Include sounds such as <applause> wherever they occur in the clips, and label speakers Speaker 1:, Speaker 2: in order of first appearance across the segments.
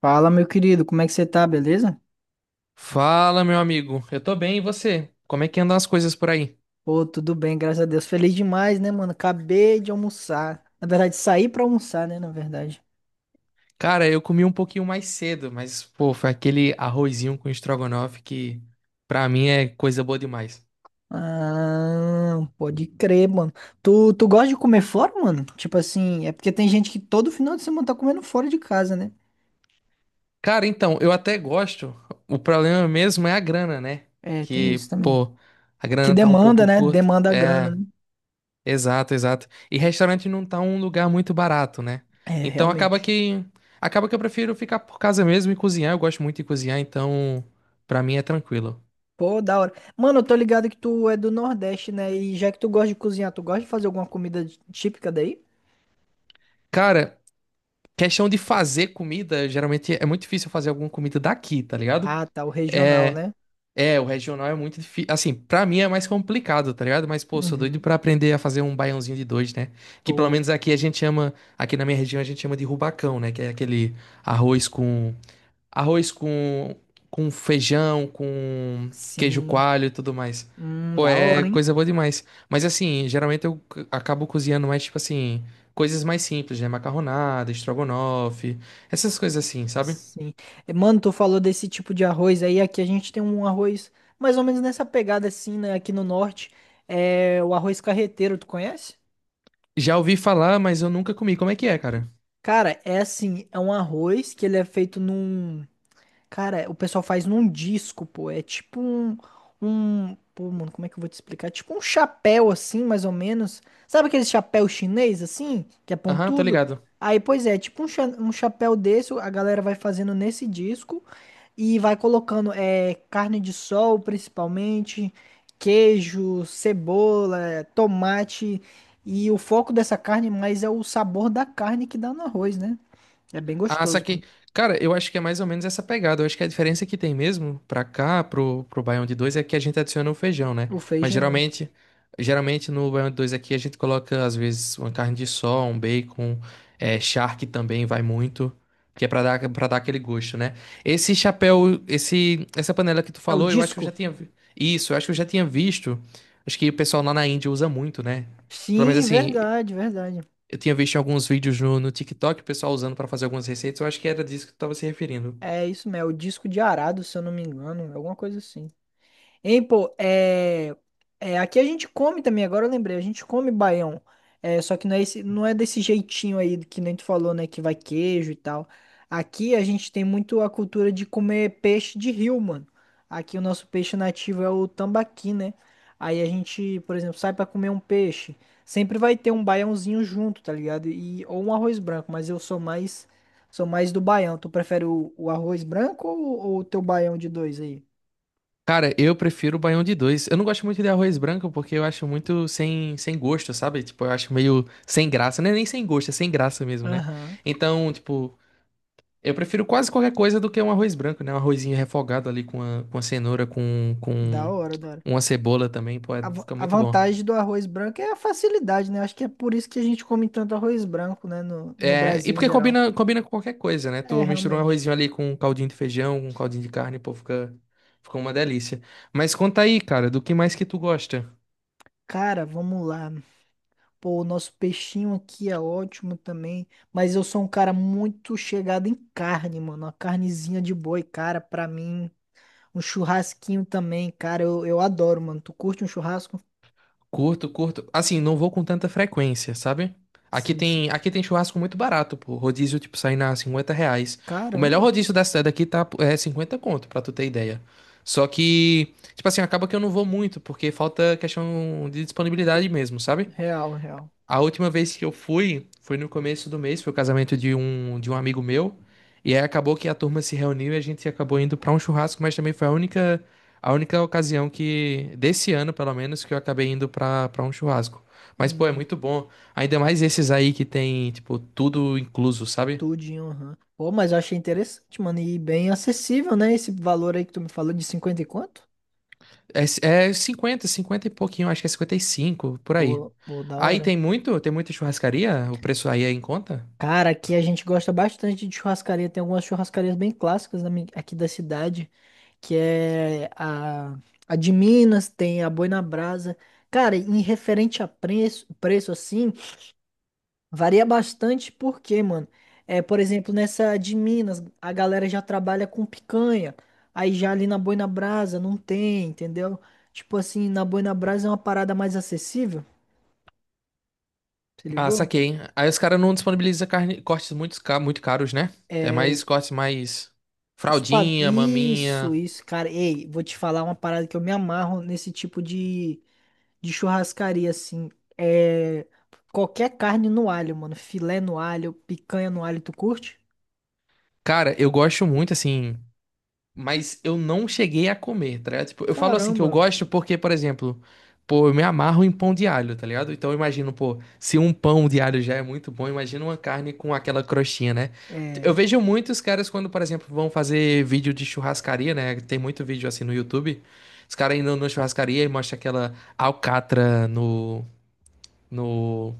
Speaker 1: Fala, meu querido, como é que você tá, beleza?
Speaker 2: Fala, meu amigo. Eu tô bem, e você? Como é que andam as coisas por aí?
Speaker 1: Pô, tudo bem, graças a Deus. Feliz demais, né, mano? Acabei de almoçar. Na verdade, saí pra almoçar, né, na verdade.
Speaker 2: Cara, eu comi um pouquinho mais cedo, mas, pô, foi aquele arrozinho com estrogonofe que, pra mim, é coisa boa demais.
Speaker 1: Ah, pode crer, mano. Tu gosta de comer fora, mano? Tipo assim, é porque tem gente que todo final de semana tá comendo fora de casa, né?
Speaker 2: Cara, então, eu até gosto. O problema mesmo é a grana, né?
Speaker 1: É, tem
Speaker 2: Que,
Speaker 1: isso também.
Speaker 2: pô, a
Speaker 1: Que
Speaker 2: grana tá um
Speaker 1: demanda,
Speaker 2: pouco
Speaker 1: né?
Speaker 2: curta.
Speaker 1: Demanda grana,
Speaker 2: É,
Speaker 1: né?
Speaker 2: exato, exato. E restaurante não tá um lugar muito barato, né?
Speaker 1: É,
Speaker 2: Então acaba
Speaker 1: realmente.
Speaker 2: que acaba que eu prefiro ficar por casa mesmo e cozinhar. Eu gosto muito de cozinhar, então pra mim é tranquilo.
Speaker 1: Pô, da hora. Mano, eu tô ligado que tu é do Nordeste, né? E já que tu gosta de cozinhar, tu gosta de fazer alguma comida típica daí?
Speaker 2: Cara, questão de fazer comida, geralmente é muito difícil eu fazer alguma comida daqui, tá ligado?
Speaker 1: Ah, tá, o regional,
Speaker 2: É,
Speaker 1: né?
Speaker 2: é, o regional é muito difícil. Assim, pra mim é mais complicado, tá ligado? Mas, pô, sou doido
Speaker 1: Uhum.
Speaker 2: pra aprender a fazer um baiãozinho de dois, né? Que pelo
Speaker 1: Pô,
Speaker 2: menos aqui a gente chama, aqui na minha região a gente chama de rubacão, né? Que é aquele arroz com arroz com feijão, com queijo
Speaker 1: sim.
Speaker 2: coalho e tudo mais. Pô,
Speaker 1: Da
Speaker 2: é
Speaker 1: hora, hein?
Speaker 2: coisa boa demais. Mas assim, geralmente acabo cozinhando mais, tipo assim, coisas mais simples, né? Macarronada, estrogonofe, essas coisas assim, sabe?
Speaker 1: Sim. Eh, mano, tu falou desse tipo de arroz aí. Aqui a gente tem um arroz mais ou menos nessa pegada assim, né? Aqui no norte. É o arroz carreteiro, tu conhece?
Speaker 2: Já ouvi falar, mas eu nunca comi. Como é que é, cara?
Speaker 1: Cara, é assim, é um arroz que ele é feito num. Cara, o pessoal faz num disco, pô. É tipo um, um. Pô, mano, como é que eu vou te explicar? É tipo um chapéu, assim, mais ou menos. Sabe aquele chapéu chinês, assim? Que é
Speaker 2: Aham, tô
Speaker 1: pontudo?
Speaker 2: ligado.
Speaker 1: Aí, pois é, tipo um, um chapéu desse, a galera vai fazendo nesse disco e vai colocando é, carne de sol, principalmente, queijo, cebola, tomate. E o foco dessa carne mais é o sabor da carne que dá no arroz, né? É bem
Speaker 2: Ah,
Speaker 1: gostoso, mano.
Speaker 2: saquei. Cara, eu acho que é mais ou menos essa pegada. Eu acho que a diferença que tem mesmo pra cá, pro Baião de dois é que a gente adiciona o feijão, né?
Speaker 1: O
Speaker 2: Mas
Speaker 1: feijão.
Speaker 2: geralmente no Baião de dois aqui a gente coloca, às vezes, uma carne de sol, um bacon, é, charque também vai muito, que é pra dar aquele gosto, né? Esse chapéu, essa panela que tu
Speaker 1: É o
Speaker 2: falou, eu acho que eu
Speaker 1: disco.
Speaker 2: já tinha Isso, eu acho que eu já tinha visto. Acho que o pessoal lá na Índia usa muito, né? Pelo menos
Speaker 1: Sim,
Speaker 2: assim.
Speaker 1: verdade, verdade.
Speaker 2: Eu tinha visto alguns vídeos no, TikTok, o pessoal usando pra fazer algumas receitas. Eu acho que era disso que tu tava se referindo.
Speaker 1: É isso mesmo, é o disco de arado, se eu não me engano, alguma coisa assim. Hein, pô, é, aqui a gente come também, agora eu lembrei, a gente come baião. É, só que não é, esse, não é desse jeitinho aí que nem tu falou, né? Que vai queijo e tal. Aqui a gente tem muito a cultura de comer peixe de rio, mano. Aqui o nosso peixe nativo é o tambaqui, né? Aí a gente, por exemplo, sai pra comer um peixe. Sempre vai ter um baiãozinho junto, tá ligado? E, ou um arroz branco, mas eu sou mais do baião. Tu prefere o arroz branco ou o teu baião de dois aí?
Speaker 2: Cara, eu prefiro o baião de dois. Eu não gosto muito de arroz branco porque eu acho muito sem gosto, sabe? Tipo, eu acho meio sem graça. Não é nem sem gosto, é sem graça mesmo, né?
Speaker 1: Aham.
Speaker 2: Então, tipo, eu prefiro quase qualquer coisa do que um arroz branco, né? Um arrozinho refogado ali com a cenoura, com,
Speaker 1: Da
Speaker 2: com
Speaker 1: hora, da hora.
Speaker 2: uma cebola também. Pô,
Speaker 1: A,
Speaker 2: é- fica
Speaker 1: a
Speaker 2: muito bom.
Speaker 1: vantagem do arroz branco é a facilidade, né? Acho que é por isso que a gente come tanto arroz branco, né? No
Speaker 2: É, e
Speaker 1: Brasil em
Speaker 2: porque
Speaker 1: geral.
Speaker 2: combina com qualquer coisa, né?
Speaker 1: É,
Speaker 2: Tu mistura um
Speaker 1: realmente.
Speaker 2: arrozinho ali com um caldinho de feijão, com um caldinho de carne, pô, fica uma delícia. Mas conta aí, cara, do que mais que tu gosta?
Speaker 1: Cara, vamos lá. Pô, o nosso peixinho aqui é ótimo também. Mas eu sou um cara muito chegado em carne, mano. Uma carnezinha de boi, cara, pra mim. Um churrasquinho também, cara. Eu adoro, mano. Tu curte um churrasco?
Speaker 2: Curto, curto. Assim, não vou com tanta frequência, sabe? Aqui
Speaker 1: Sim,
Speaker 2: tem,
Speaker 1: sim.
Speaker 2: aqui tem churrasco muito barato, pô. Rodízio, tipo, sai na 50 reais. O melhor
Speaker 1: Caramba.
Speaker 2: rodízio da cidade aqui tá, é 50 conto, pra tu ter ideia. Só que, tipo assim, acaba que eu não vou muito, porque falta questão de disponibilidade mesmo, sabe?
Speaker 1: Real, real.
Speaker 2: A última vez que eu fui foi no começo do mês, foi o casamento de um, amigo meu. E aí acabou que a turma se reuniu e a gente acabou indo pra um churrasco, mas também foi a única, ocasião que, desse ano pelo menos, que eu acabei indo pra para um churrasco. Mas, pô, é
Speaker 1: Hum.
Speaker 2: muito bom. Ainda mais esses aí que tem, tipo, tudo incluso, sabe?
Speaker 1: Tudinho, aham. Pô, mas eu achei interessante, mano. E bem acessível, né? Esse valor aí que tu me falou de 50 e quanto?
Speaker 2: É, é 50 50 e pouquinho, acho que é 55 por aí.
Speaker 1: Pô, pô, da
Speaker 2: Aí
Speaker 1: hora.
Speaker 2: tem muito, tem muita churrascaria, o preço aí é em conta?
Speaker 1: Cara, aqui a gente gosta bastante de churrascaria. Tem algumas churrascarias bem clássicas aqui da cidade, que é a de Minas, tem a Boi na Brasa. Cara, em referente a preço, preço assim. Varia bastante porque, mano, é, por exemplo, nessa de Minas, a galera já trabalha com picanha, aí já ali na Boi na Brasa não tem, entendeu? Tipo assim, na Boi na Brasa é uma parada mais acessível, se
Speaker 2: Ah,
Speaker 1: ligou?
Speaker 2: saquei. Aí os caras não disponibilizam carne, cortes muito, muito caros, né? É
Speaker 1: É,
Speaker 2: mais cortes mais fraldinha,
Speaker 1: isso,
Speaker 2: maminha.
Speaker 1: isso, cara. Ei, vou te falar uma parada que eu me amarro nesse tipo de churrascaria, assim. É qualquer carne no alho, mano. Filé no alho, picanha no alho, tu curte?
Speaker 2: Cara, eu gosto muito, assim. Mas eu não cheguei a comer, tá ligado? Tipo, eu falo assim que eu
Speaker 1: Caramba,
Speaker 2: gosto porque, por exemplo, pô, eu me amarro em pão de alho, tá ligado? Então eu imagino, pô, se um pão de alho já é muito bom, imagina uma carne com aquela crostinha, né? Eu
Speaker 1: é.
Speaker 2: vejo muitos caras quando, por exemplo, vão fazer vídeo de churrascaria, né? Tem muito vídeo assim no YouTube. Os caras indo na churrascaria e mostra aquela alcatra no, no,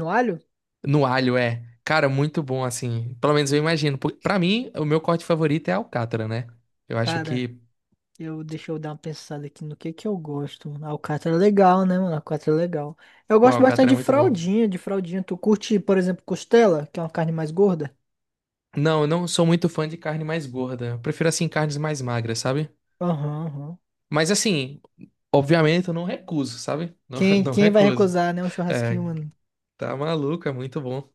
Speaker 1: No alho?
Speaker 2: no alho, é. Cara, muito bom assim. Pelo menos eu imagino. Porque, pra mim, o meu corte favorito é a alcatra, né? Eu acho
Speaker 1: Cara.
Speaker 2: que
Speaker 1: Eu, deixa eu dar uma pensada aqui no que eu gosto. Mano. Alcatra é legal, né, mano? Alcatra é legal. Eu
Speaker 2: o
Speaker 1: gosto bastante
Speaker 2: alcatra é
Speaker 1: de
Speaker 2: muito bom.
Speaker 1: fraldinha, de fraldinha. Tu curte, por exemplo, costela, que é uma carne mais gorda?
Speaker 2: Não, eu não sou muito fã de carne mais gorda. Eu prefiro, assim, carnes mais magras, sabe?
Speaker 1: Aham, aham.
Speaker 2: Mas, assim, obviamente eu não recuso, sabe? Não, <laughs>
Speaker 1: Quem,
Speaker 2: não
Speaker 1: quem vai
Speaker 2: recuso.
Speaker 1: recusar, né? Um churrasquinho,
Speaker 2: É,
Speaker 1: mano.
Speaker 2: tá maluco, é muito bom.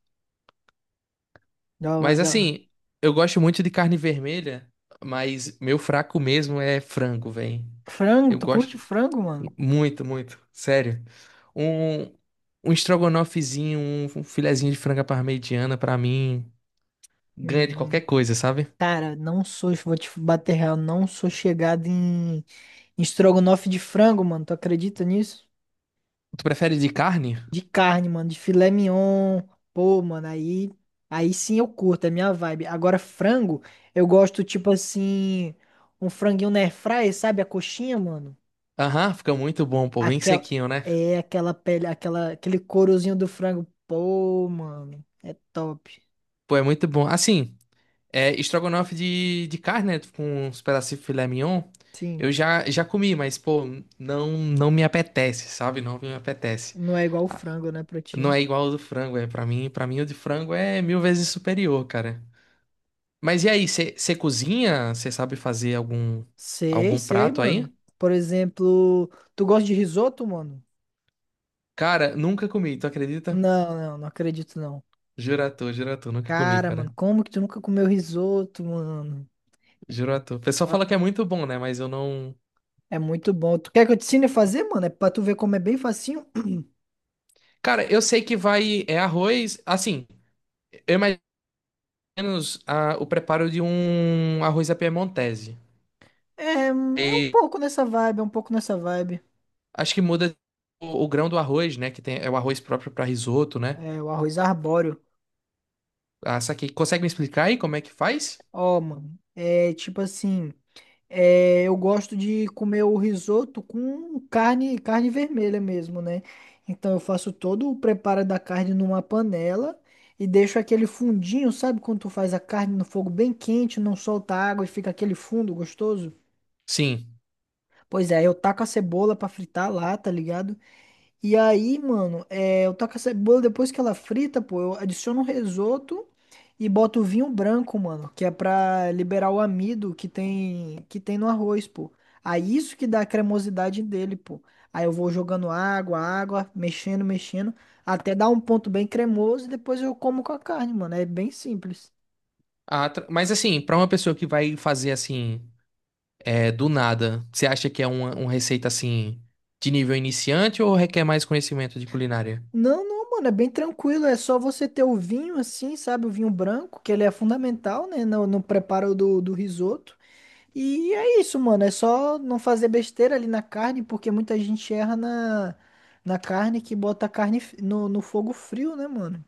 Speaker 1: Da hora,
Speaker 2: Mas,
Speaker 1: da hora.
Speaker 2: assim, eu gosto muito de carne vermelha, mas meu fraco mesmo é frango, velho.
Speaker 1: Frango,
Speaker 2: Eu
Speaker 1: tu
Speaker 2: gosto
Speaker 1: curte frango, mano?
Speaker 2: muito, muito. Sério. Um, um estrogonofezinho, um filezinho de franga parmegiana, pra mim, ganha de
Speaker 1: Hum,
Speaker 2: qualquer coisa, sabe?
Speaker 1: cara, não sou, vou te bater real, não sou chegado em, em estrogonofe de frango, mano. Tu acredita nisso?
Speaker 2: Tu prefere de carne?
Speaker 1: De carne, mano, de filé mignon. Pô, mano, aí, aí sim eu curto, é minha vibe. Agora, frango, eu gosto, tipo assim, um franguinho na air sabe? A coxinha, mano.
Speaker 2: Aham, fica muito bom, pô, bem
Speaker 1: Aquela,
Speaker 2: sequinho, né?
Speaker 1: é, aquela pele, aquele courozinho do frango. Pô, mano, é top.
Speaker 2: Pô, é muito bom. Assim, é estrogonofe de carne, né? Com uns pedacinhos de filé mignon.
Speaker 1: Sim,
Speaker 2: Eu já, já comi, mas, pô, não, não me apetece, sabe? Não me apetece.
Speaker 1: não é igual o
Speaker 2: Ah,
Speaker 1: frango, né, pra
Speaker 2: não
Speaker 1: ti.
Speaker 2: é igual ao do frango, é. Pra mim, o de frango é mil vezes superior, cara. Mas e aí, você cozinha? Você sabe fazer algum,
Speaker 1: Sei,
Speaker 2: algum
Speaker 1: sei,
Speaker 2: prato
Speaker 1: mano.
Speaker 2: aí?
Speaker 1: Por exemplo, tu gosta de risoto, mano?
Speaker 2: Cara, nunca comi, tu acredita?
Speaker 1: Não, não, não acredito, não.
Speaker 2: Jura tu, nunca comi,
Speaker 1: Cara, mano,
Speaker 2: cara.
Speaker 1: como que tu nunca comeu risoto, mano?
Speaker 2: Juro tu. O pessoal fala que é muito bom, né? Mas eu não.
Speaker 1: É muito bom. Tu quer que eu te ensine a fazer, mano? É pra tu ver como é bem facinho.
Speaker 2: Cara, eu sei que vai. É arroz. Assim, eu imagino ah, o preparo de um arroz à piemontese.
Speaker 1: É, é um
Speaker 2: E
Speaker 1: pouco nessa vibe, é um pouco nessa vibe.
Speaker 2: acho que muda o grão do arroz, né? Que tem, é o arroz próprio para risoto, né?
Speaker 1: É, o arroz arbóreo.
Speaker 2: Ah, saquei. Consegue me explicar aí como é que faz?
Speaker 1: Ó, mano. É tipo assim. É, eu gosto de comer o risoto com carne, carne vermelha mesmo, né? Então eu faço todo o preparo da carne numa panela e deixo aquele fundinho, sabe? Quando tu faz a carne no fogo bem quente, não solta água e fica aquele fundo gostoso.
Speaker 2: Sim.
Speaker 1: Pois é, eu taco a cebola pra fritar lá, tá ligado? E aí, mano, é, eu taco essa cebola depois que ela frita, pô, eu adiciono um risoto e boto o vinho branco, mano, que é pra liberar o amido que tem no arroz, pô. Aí isso que dá a cremosidade dele, pô. Aí eu vou jogando água, água, mexendo, mexendo, até dar um ponto bem cremoso e depois eu como com a carne, mano. É bem simples.
Speaker 2: Mas assim, para uma pessoa que vai fazer assim, é, do nada, você acha que é uma, receita assim, de nível iniciante ou requer mais conhecimento de culinária?
Speaker 1: Não, não, mano, é bem tranquilo. É só você ter o vinho assim, sabe? O vinho branco, que ele é fundamental, né? No preparo do risoto. E é isso, mano. É só não fazer besteira ali na carne, porque muita gente erra na carne que bota a carne no, no fogo frio, né, mano?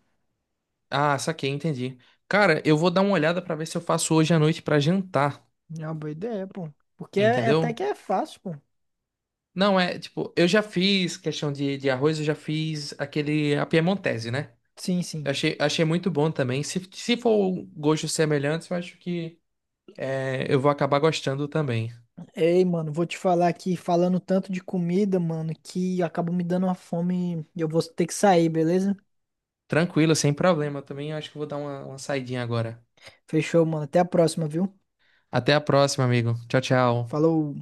Speaker 2: Ah, saquei, entendi. Cara, eu vou dar uma olhada para ver se eu faço hoje à noite para jantar.
Speaker 1: É uma boa ideia, pô. Porque é, é até
Speaker 2: Entendeu?
Speaker 1: que é fácil, pô.
Speaker 2: Não é, tipo, eu já fiz questão de arroz, eu já fiz aquele a piemontese, né?
Speaker 1: Sim, sim.
Speaker 2: Eu achei, achei muito bom também. Se for gostos semelhantes, eu acho que é, eu vou acabar gostando também.
Speaker 1: Ei, mano, vou te falar aqui, falando tanto de comida, mano, que acabou me dando uma fome e eu vou ter que sair, beleza?
Speaker 2: Tranquilo, sem problema também. Eu acho que eu vou dar uma, saidinha agora.
Speaker 1: Fechou, mano. Até a próxima, viu?
Speaker 2: Até a próxima, amigo. Tchau, tchau.
Speaker 1: Falou.